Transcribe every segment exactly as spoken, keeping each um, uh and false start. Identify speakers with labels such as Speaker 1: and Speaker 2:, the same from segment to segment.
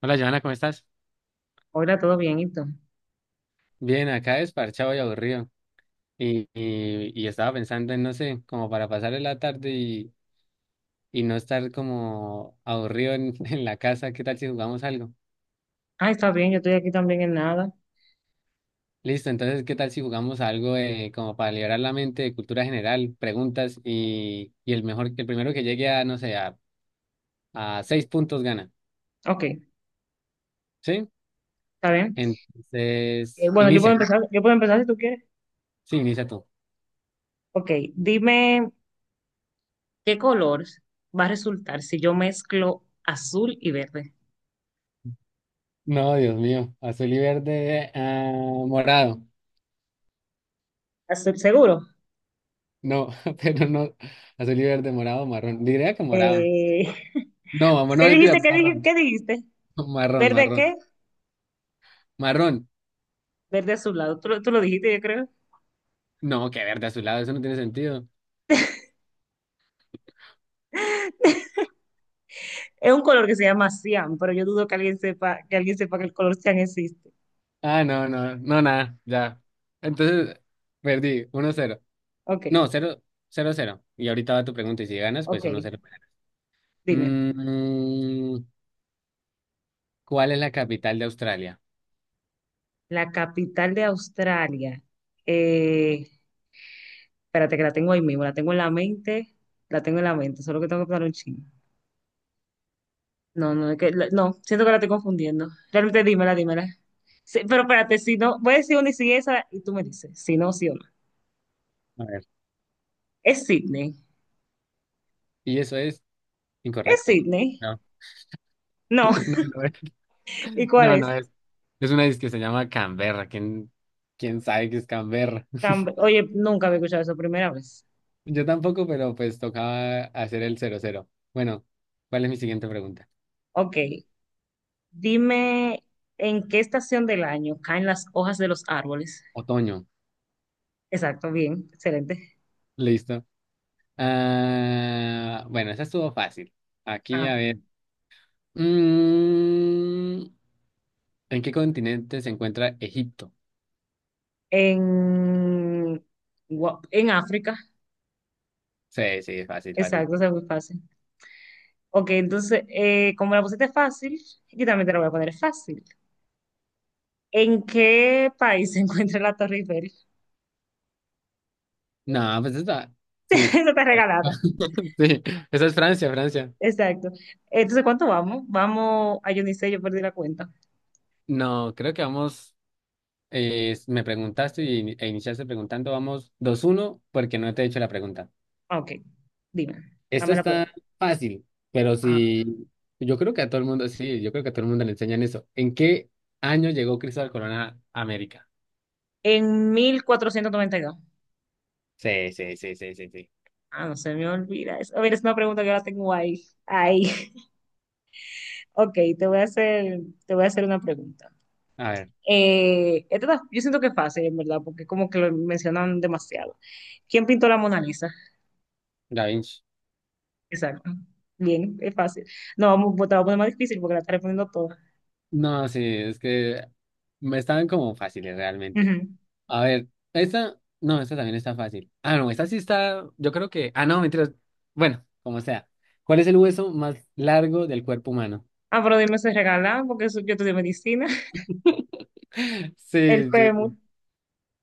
Speaker 1: Hola, Joana, ¿cómo estás?
Speaker 2: Hola, ¿todo bien? ¿Y tú?
Speaker 1: Bien, acá desparchado y aburrido. Y, y, y estaba pensando en, no sé, como para pasar la tarde y, y no estar como aburrido en, en la casa, ¿qué tal si jugamos algo?
Speaker 2: Ah, está bien, yo estoy aquí también en nada.
Speaker 1: Listo, entonces, ¿qué tal si jugamos algo eh, como para liberar la mente de cultura general, preguntas y, y el mejor, el primero que llegue a, no sé, a, a seis puntos gana,
Speaker 2: Ok, está
Speaker 1: ¿sí?
Speaker 2: bien. Eh,
Speaker 1: Entonces,
Speaker 2: bueno, yo puedo
Speaker 1: inicia, ¿no?
Speaker 2: empezar, yo puedo empezar si tú quieres.
Speaker 1: Sí, inicia tú.
Speaker 2: Ok, dime qué color va a resultar si yo mezclo azul y verde.
Speaker 1: No, Dios mío, azul y verde, ah, morado.
Speaker 2: ¿Azul seguro?
Speaker 1: No, pero no. Azul y verde, morado, marrón. Diría que morado.
Speaker 2: Eh,
Speaker 1: No, vamos, no,
Speaker 2: ¿qué dijiste?
Speaker 1: mentira,
Speaker 2: ¿Qué dijiste?
Speaker 1: marrón.
Speaker 2: ¿Qué dijiste?
Speaker 1: Marrón,
Speaker 2: ¿Verde
Speaker 1: marrón.
Speaker 2: qué?
Speaker 1: Marrón.
Speaker 2: Verde azulado. Tú, lo- tú lo dijiste, yo creo.
Speaker 1: No, que verde azulado, eso no tiene sentido.
Speaker 2: Es un color que se llama cian, pero yo dudo que alguien sepa, que alguien sepa que el color cian existe.
Speaker 1: Ah, no, no, no, nada, ya. Entonces, perdí, uno cero.
Speaker 2: Ok,
Speaker 1: No, cero cero cero. Y ahorita va tu pregunta, y si ganas, pues
Speaker 2: ok,
Speaker 1: uno cero.
Speaker 2: dime.
Speaker 1: Mm, ¿cuál es la capital de Australia?
Speaker 2: La capital de Australia. Eh, Espérate, que la tengo ahí mismo, la tengo en la mente, la tengo en la mente, solo que tengo que pensar un chingo. No, no, es que, la- no, siento que la estoy confundiendo. Realmente dímela, dímela. Sí, pero espérate, si no, voy a decir una y sigue esa y tú me dices, si no, sí o no.
Speaker 1: A ver.
Speaker 2: Es Sydney,
Speaker 1: Y eso es
Speaker 2: es
Speaker 1: incorrecto.
Speaker 2: Sydney.
Speaker 1: No,
Speaker 2: No,
Speaker 1: no, no es.
Speaker 2: ¿y cuál
Speaker 1: No,
Speaker 2: es?
Speaker 1: no es. Es una disque que se llama Canberra. ¿Quién, quién sabe qué es Canberra?
Speaker 2: Camb- Oye, nunca había escuchado eso, primera vez.
Speaker 1: Yo tampoco, pero pues tocaba hacer el cero cero. Bueno, ¿cuál es mi siguiente pregunta?
Speaker 2: Ok, dime en qué estación del año caen las hojas de los árboles.
Speaker 1: Otoño.
Speaker 2: Exacto, bien, excelente.
Speaker 1: Listo. Ah, bueno, esa estuvo fácil. Aquí, a
Speaker 2: Ah,
Speaker 1: ver. Mm, ¿en qué continente se encuentra Egipto?
Speaker 2: en, Gua- en África.
Speaker 1: Sí, sí, fácil, fácil.
Speaker 2: Exacto, eso es muy fácil. Ok, entonces, eh, como la pusiste fácil, yo también te la voy a poner fácil. ¿En qué país se encuentra la Torre Eiffel?
Speaker 1: No, pues esta. Sí, es-
Speaker 2: Eso está regalada.
Speaker 1: sí, esa es Francia, Francia.
Speaker 2: Exacto. Entonces, ¿cuánto vamos? Vamos, a yo ni sé, yo perdí la cuenta.
Speaker 1: No, creo que vamos. Eh, me preguntaste y, e iniciaste preguntando, vamos dos uno porque no te he hecho la pregunta.
Speaker 2: Ah, ok, dime,
Speaker 1: Esta
Speaker 2: dame la prueba.
Speaker 1: está fácil, pero
Speaker 2: Ajá.
Speaker 1: si yo creo que a todo el mundo, sí, yo creo que a todo el mundo le enseñan eso. ¿En qué año llegó Cristóbal Colón a América?
Speaker 2: En mil cuatrocientos noventa y dos.
Speaker 1: Sí, sí, sí, sí, sí, sí.
Speaker 2: Ah, no se me olvida eso. A ver, es una pregunta que ahora tengo ahí. Ahí. Ok, te voy a hacer, te voy a hacer una pregunta.
Speaker 1: A ver,
Speaker 2: Eh, esto da- yo siento que es fácil, en verdad, porque como que lo mencionan demasiado. ¿Quién pintó la Mona Lisa?
Speaker 1: Da Vinci.
Speaker 2: Exacto. Bien, es fácil. No, vamos, pues, te voy a poner más difícil porque la está respondiendo toda.
Speaker 1: No, sí, es que me estaban como fáciles realmente.
Speaker 2: Ujú.
Speaker 1: A ver, esta, no, esta también está fácil. Ah, no, esta sí está, yo creo que, ah, no, mentiras. Bueno, como sea. ¿Cuál es el hueso más largo del cuerpo humano?
Speaker 2: Ah, pero dime si regalan, porque eso- yo estudié medicina. El
Speaker 1: Sí, sí,
Speaker 2: fémur.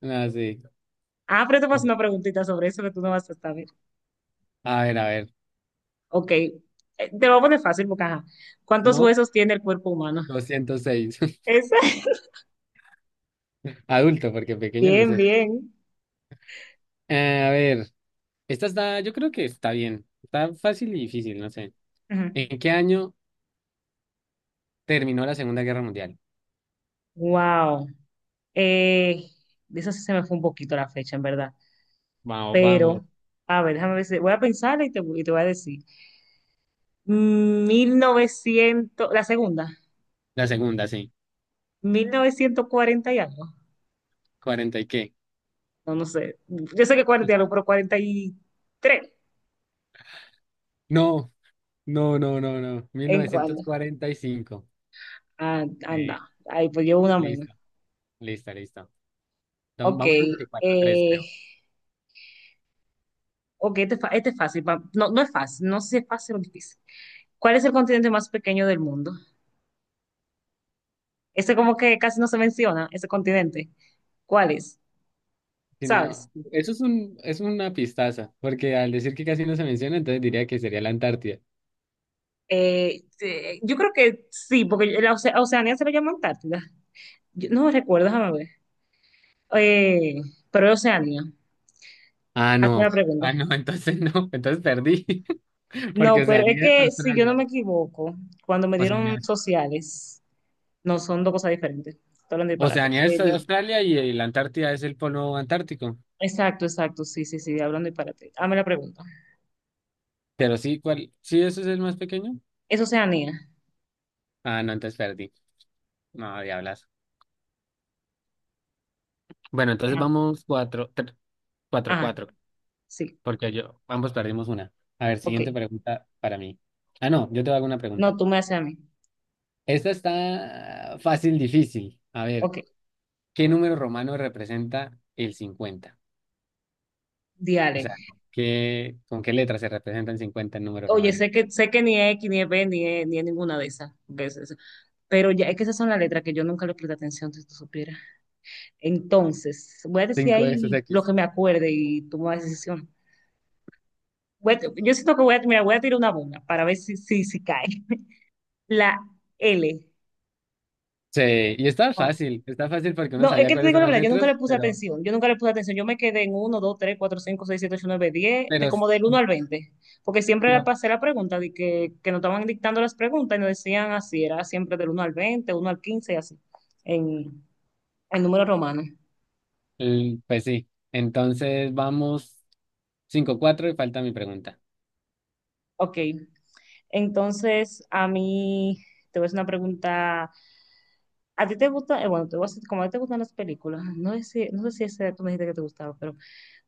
Speaker 1: no, sí.
Speaker 2: Ah, pero te vas a hacer una preguntita sobre eso que tú no vas a saber.
Speaker 1: A ver, a ver,
Speaker 2: Ok. Eh, te lo voy a poner fácil porque, ajá, ¿cuántos
Speaker 1: no,
Speaker 2: huesos tiene el cuerpo humano?
Speaker 1: doscientos seis.
Speaker 2: Esa.
Speaker 1: Adulto, porque pequeño no
Speaker 2: Bien,
Speaker 1: sé.
Speaker 2: bien.
Speaker 1: Eh, a ver, esta está, yo creo que está bien. Está fácil y difícil, no sé.
Speaker 2: Ujú.
Speaker 1: ¿En qué año terminó la Segunda Guerra Mundial?
Speaker 2: Wow. Eh, de eso sí se me fue un poquito la fecha, en verdad.
Speaker 1: Vamos, vamos.
Speaker 2: Pero, a ver, déjame ver si- voy a pensar y te, y te voy a decir. Mil novecientos la segunda,
Speaker 1: La segunda, sí.
Speaker 2: mil novecientos cuarenta y algo.
Speaker 1: ¿Cuarenta y qué?
Speaker 2: No, no sé. Yo sé que cuarenta y algo, pero cuarenta y tres.
Speaker 1: No, no, no, no, no.
Speaker 2: ¿En cuándo?
Speaker 1: mil novecientos cuarenta y cinco.
Speaker 2: Ah, anda.
Speaker 1: Eh,
Speaker 2: Ahí, pues llevo una menos.
Speaker 1: listo, listo, listo. Entonces,
Speaker 2: Ok.
Speaker 1: vamos como que cuatro tres
Speaker 2: eh,
Speaker 1: creo.
Speaker 2: ok, este, es fa- este es fácil. pa- No, no es fácil. No sé si es fácil o difícil. ¿Cuál es el continente más pequeño del mundo? Ese como que casi no se menciona, ese continente. ¿Cuál es?
Speaker 1: Si
Speaker 2: ¿Sabes?
Speaker 1: no, eso es un, es una pistaza, porque al decir que casi no se menciona, entonces diría que sería la Antártida.
Speaker 2: Eh, eh, yo creo que sí, porque la Oce- a Oceanía se le llama Antártida. Yo- no recuerdo, déjame ver. Eh, pero es Oceanía.
Speaker 1: Ah,
Speaker 2: Hazme la
Speaker 1: no.
Speaker 2: pregunta.
Speaker 1: Ah, no, entonces no. Entonces perdí.
Speaker 2: No,
Speaker 1: Porque
Speaker 2: pero es
Speaker 1: Oceanía es
Speaker 2: que si yo
Speaker 1: Australia.
Speaker 2: no me equivoco, cuando me
Speaker 1: Oceanía
Speaker 2: dieron
Speaker 1: es,
Speaker 2: sociales, no son dos cosas diferentes. Estoy hablando de disparate.
Speaker 1: Oceanía es
Speaker 2: Eh, dime.
Speaker 1: Australia y la Antártida es el polo antártico.
Speaker 2: Exacto, exacto, sí, sí, sí, hablando de disparate. Hazme la pregunta.
Speaker 1: Pero sí, ¿cuál? ¿Sí, eso es el más pequeño?
Speaker 2: ¿Es Oceanía?
Speaker 1: Ah, no, entonces perdí. No, diablas. Bueno, entonces
Speaker 2: Ajá,
Speaker 1: vamos cuatro, tre- cuatro,
Speaker 2: ajá,
Speaker 1: cuatro.
Speaker 2: sí,
Speaker 1: Porque yo, ambos perdimos una. A ver,
Speaker 2: ok.
Speaker 1: siguiente pregunta para mí. Ah, no, yo te hago una
Speaker 2: No,
Speaker 1: pregunta.
Speaker 2: tú me haces a mí.
Speaker 1: Esta está fácil, difícil. A ver,
Speaker 2: Ok,
Speaker 1: ¿qué número romano representa el cincuenta? O
Speaker 2: diale.
Speaker 1: sea, ¿qué, con qué letras se representan cincuenta en número
Speaker 2: Oye,
Speaker 1: romano?
Speaker 2: sé que, sé que ni es X, ni es B, ni es, ni es ninguna de esas. Pero ya es que esas son las letras que yo nunca le presté atención, si tú supieras. Entonces, voy a decir
Speaker 1: Cinco de
Speaker 2: ahí lo
Speaker 1: X.
Speaker 2: que me acuerde y tomo la decisión. Voy a- yo siento que voy a, mira, voy a tirar una bomba para ver si, si, si cae. La L.
Speaker 1: Sí, y está
Speaker 2: Oh,
Speaker 1: fácil, está fácil porque uno
Speaker 2: no, es
Speaker 1: sabía
Speaker 2: que te
Speaker 1: cuáles
Speaker 2: digo
Speaker 1: son
Speaker 2: la
Speaker 1: las
Speaker 2: verdad, yo nunca le
Speaker 1: letras,
Speaker 2: puse
Speaker 1: pero,
Speaker 2: atención, yo nunca le puse atención, yo me quedé en uno, dos, tres, cuatro, cinco, seis, siete, ocho, nueve, diez,
Speaker 1: pero
Speaker 2: de
Speaker 1: s-
Speaker 2: como del uno al veinte, porque siempre la
Speaker 1: la-
Speaker 2: pasé la pregunta, de que, que nos estaban dictando las preguntas y nos decían así, era siempre del uno al veinte, uno al quince y así, en, en número romano.
Speaker 1: l- pues sí. Entonces vamos cinco cuatro y falta mi pregunta.
Speaker 2: Ok, entonces, a mí, te voy a hacer una pregunta. ¿A ti te gusta? eh, bueno, te voy a hacer, como a ti te gustan las películas, no sé si, no sé si ese tú me dijiste que te gustaba, pero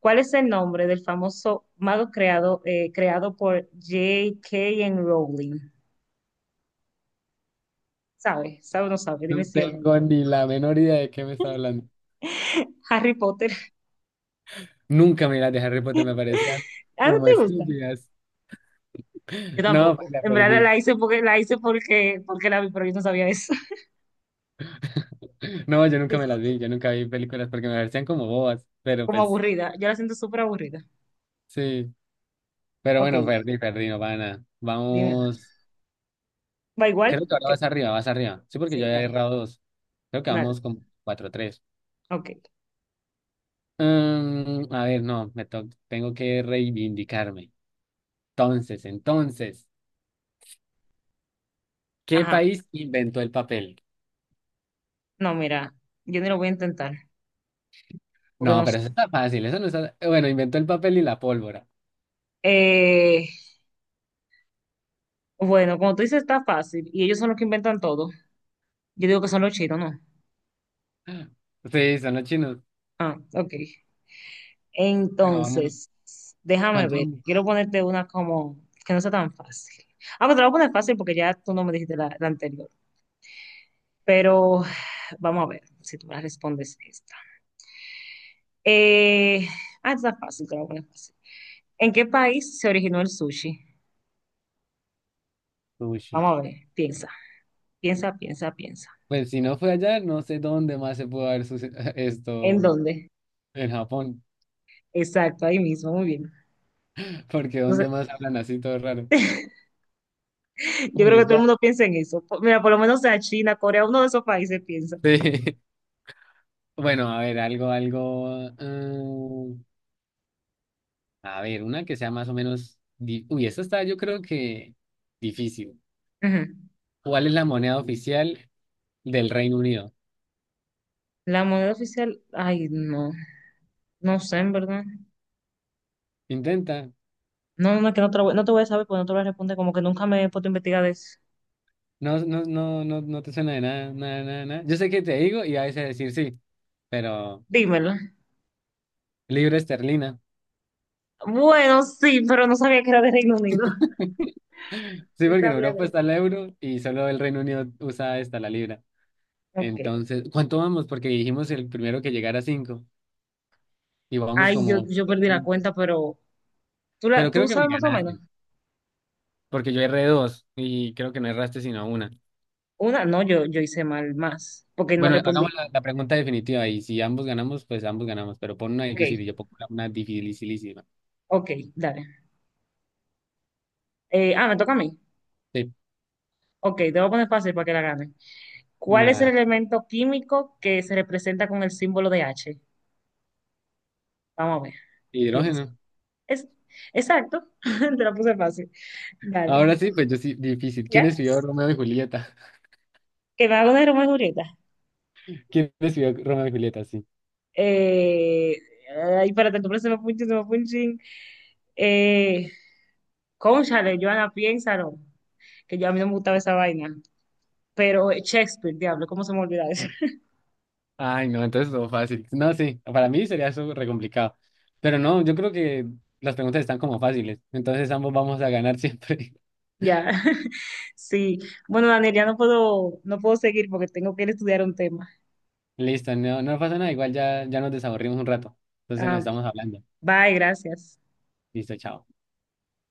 Speaker 2: ¿cuál es el nombre del famoso mago creado, eh, creado por J K Rowling? ¿Sabes? ¿Sabes o no sabes?
Speaker 1: No
Speaker 2: Dime si o no.
Speaker 1: tengo ni la menor idea de qué me está hablando.
Speaker 2: Harry Potter.
Speaker 1: Nunca me las de Harry Potter me parecían
Speaker 2: ¿ah, no
Speaker 1: como
Speaker 2: te gusta?
Speaker 1: estúpidas.
Speaker 2: Yo
Speaker 1: No, pues,
Speaker 2: tampoco.
Speaker 1: la
Speaker 2: En verdad
Speaker 1: perdí.
Speaker 2: la hice porque la hice porque, porque la vi, pero yo no sabía eso.
Speaker 1: No, yo
Speaker 2: Sí,
Speaker 1: nunca me las vi, yo nunca vi películas porque me parecían como bobas, pero
Speaker 2: como
Speaker 1: pues
Speaker 2: aburrida. Yo la siento súper aburrida.
Speaker 1: sí. Pero
Speaker 2: Ok,
Speaker 1: bueno, perdí, perdí, no pasa nada.
Speaker 2: dime.
Speaker 1: Vamos.
Speaker 2: ¿Va
Speaker 1: Creo
Speaker 2: igual?
Speaker 1: que ahora
Speaker 2: ¿Qué?
Speaker 1: vas arriba, vas arriba. Sí, porque yo
Speaker 2: Sí,
Speaker 1: había he
Speaker 2: dale.
Speaker 1: errado dos. Creo que
Speaker 2: Dale.
Speaker 1: vamos con cuatro tres.
Speaker 2: Ok.
Speaker 1: Mm, a ver, no, me to- tengo que reivindicarme. Entonces, entonces, ¿qué
Speaker 2: Ajá.
Speaker 1: país inventó el papel?
Speaker 2: No, mira, yo ni lo voy a intentar, porque
Speaker 1: No,
Speaker 2: no sé.
Speaker 1: pero eso está fácil, eso no está. eh, Bueno, inventó el papel y la pólvora.
Speaker 2: Eh, bueno, como tú dices, está fácil, y ellos son los que inventan todo. Yo digo que son los chinos, ¿no?
Speaker 1: Sí, son los chinos.
Speaker 2: Ah, ok.
Speaker 1: Bueno, vamos.
Speaker 2: Entonces, déjame
Speaker 1: ¿Cuánto
Speaker 2: ver.
Speaker 1: vamos?
Speaker 2: Quiero ponerte una como que no sea tan fácil. Ah, pero te la voy a poner fácil porque ya tú no me dijiste la, la anterior. Pero vamos a ver si tú me respondes esta. Eh, ah, esta está fácil, te la voy a poner fácil. ¿En qué país se originó el sushi?
Speaker 1: Sushi.
Speaker 2: Vamos a ver, piensa, piensa, piensa, piensa.
Speaker 1: Pues si no fue allá, no sé dónde más se pudo haber suce-
Speaker 2: ¿En
Speaker 1: esto
Speaker 2: dónde?
Speaker 1: en Japón,
Speaker 2: Exacto, ahí mismo, muy bien.
Speaker 1: porque
Speaker 2: Entonces,
Speaker 1: dónde más hablan así todo raro.
Speaker 2: yo creo
Speaker 1: Uy,
Speaker 2: que
Speaker 1: es
Speaker 2: todo el
Speaker 1: la...
Speaker 2: mundo piensa en eso. Po- Mira, por lo menos sea China, Corea, uno de esos países piensa.
Speaker 1: Sí. Bueno, a ver, algo, algo, mm, a ver, una que sea más o menos di- uy, esta está yo creo que difícil.
Speaker 2: Ujú.
Speaker 1: ¿Cuál es la moneda oficial del Reino Unido?
Speaker 2: La moneda oficial, ay, no, no sé, en verdad.
Speaker 1: Intenta.
Speaker 2: No, no, es que no te, lo voy- no te voy a saber porque no te voy a responder, como que nunca me he puesto a investigar de eso.
Speaker 1: No, no, no, no, no te suena de nada, nada, nada, nada. Yo sé que te digo y a veces decir sí, pero
Speaker 2: Dímelo.
Speaker 1: libra esterlina.
Speaker 2: Bueno, sí, pero no sabía que era de Reino Unido.
Speaker 1: Sí,
Speaker 2: Sí,
Speaker 1: porque en
Speaker 2: sabía
Speaker 1: Europa
Speaker 2: de eso.
Speaker 1: está el euro y solo el Reino Unido usa esta, la libra.
Speaker 2: Ok.
Speaker 1: Entonces, ¿cuánto vamos? Porque dijimos el primero que llegara a cinco y vamos
Speaker 2: Ay, yo,
Speaker 1: como...
Speaker 2: yo perdí la
Speaker 1: cinco.
Speaker 2: cuenta, pero ¿tú, la,
Speaker 1: Pero
Speaker 2: tú
Speaker 1: creo que me
Speaker 2: sabes más o menos?
Speaker 1: ganaste, porque yo erré dos y creo que no erraste sino una.
Speaker 2: Una, no, yo, yo hice mal más, porque no
Speaker 1: Bueno,
Speaker 2: respondí.
Speaker 1: hagamos la, la pregunta definitiva y si ambos ganamos, pues ambos ganamos, pero pon una
Speaker 2: Ok,
Speaker 1: difícil y yo pongo una una dificilísima.
Speaker 2: ok, dale. Eh, ah, me toca a mí.
Speaker 1: Sí,
Speaker 2: Ok, te voy a poner fácil para que la gane. ¿Cuál es el
Speaker 1: una
Speaker 2: elemento químico que se representa con el símbolo de H? Vamos a ver, piensa.
Speaker 1: hidrógeno.
Speaker 2: Es, exacto, te la puse fácil. Dale,
Speaker 1: Ahora sí, pues yo sí, difícil. ¿Quién
Speaker 2: ¿ya?
Speaker 1: escribió Romeo y Julieta?
Speaker 2: Que me hago de Romeo y Julieta.
Speaker 1: ¿Quién escribió Romeo y Julieta? Sí.
Speaker 2: Eh, ay, espérate, tu me punching, se me fue un chin. Eh, cónchale, Joana, piénsalo. Que ya a mí no me gustaba esa vaina. Pero eh, Shakespeare, diablo, ¿cómo se me olvida eso?
Speaker 1: Ay, no, entonces todo fácil. No, sí, para mí sería eso re complicado. Pero no, yo creo que las preguntas están como fáciles, entonces ambos vamos a ganar siempre.
Speaker 2: Ya, sí. Bueno, Daniel, ya no puedo, no puedo seguir porque tengo que ir a estudiar un tema.
Speaker 1: Listo, no, no pasa nada, igual ya, ya nos desaburrimos un rato, entonces nos
Speaker 2: Ah,
Speaker 1: estamos hablando.
Speaker 2: bye, gracias.
Speaker 1: Listo, chao.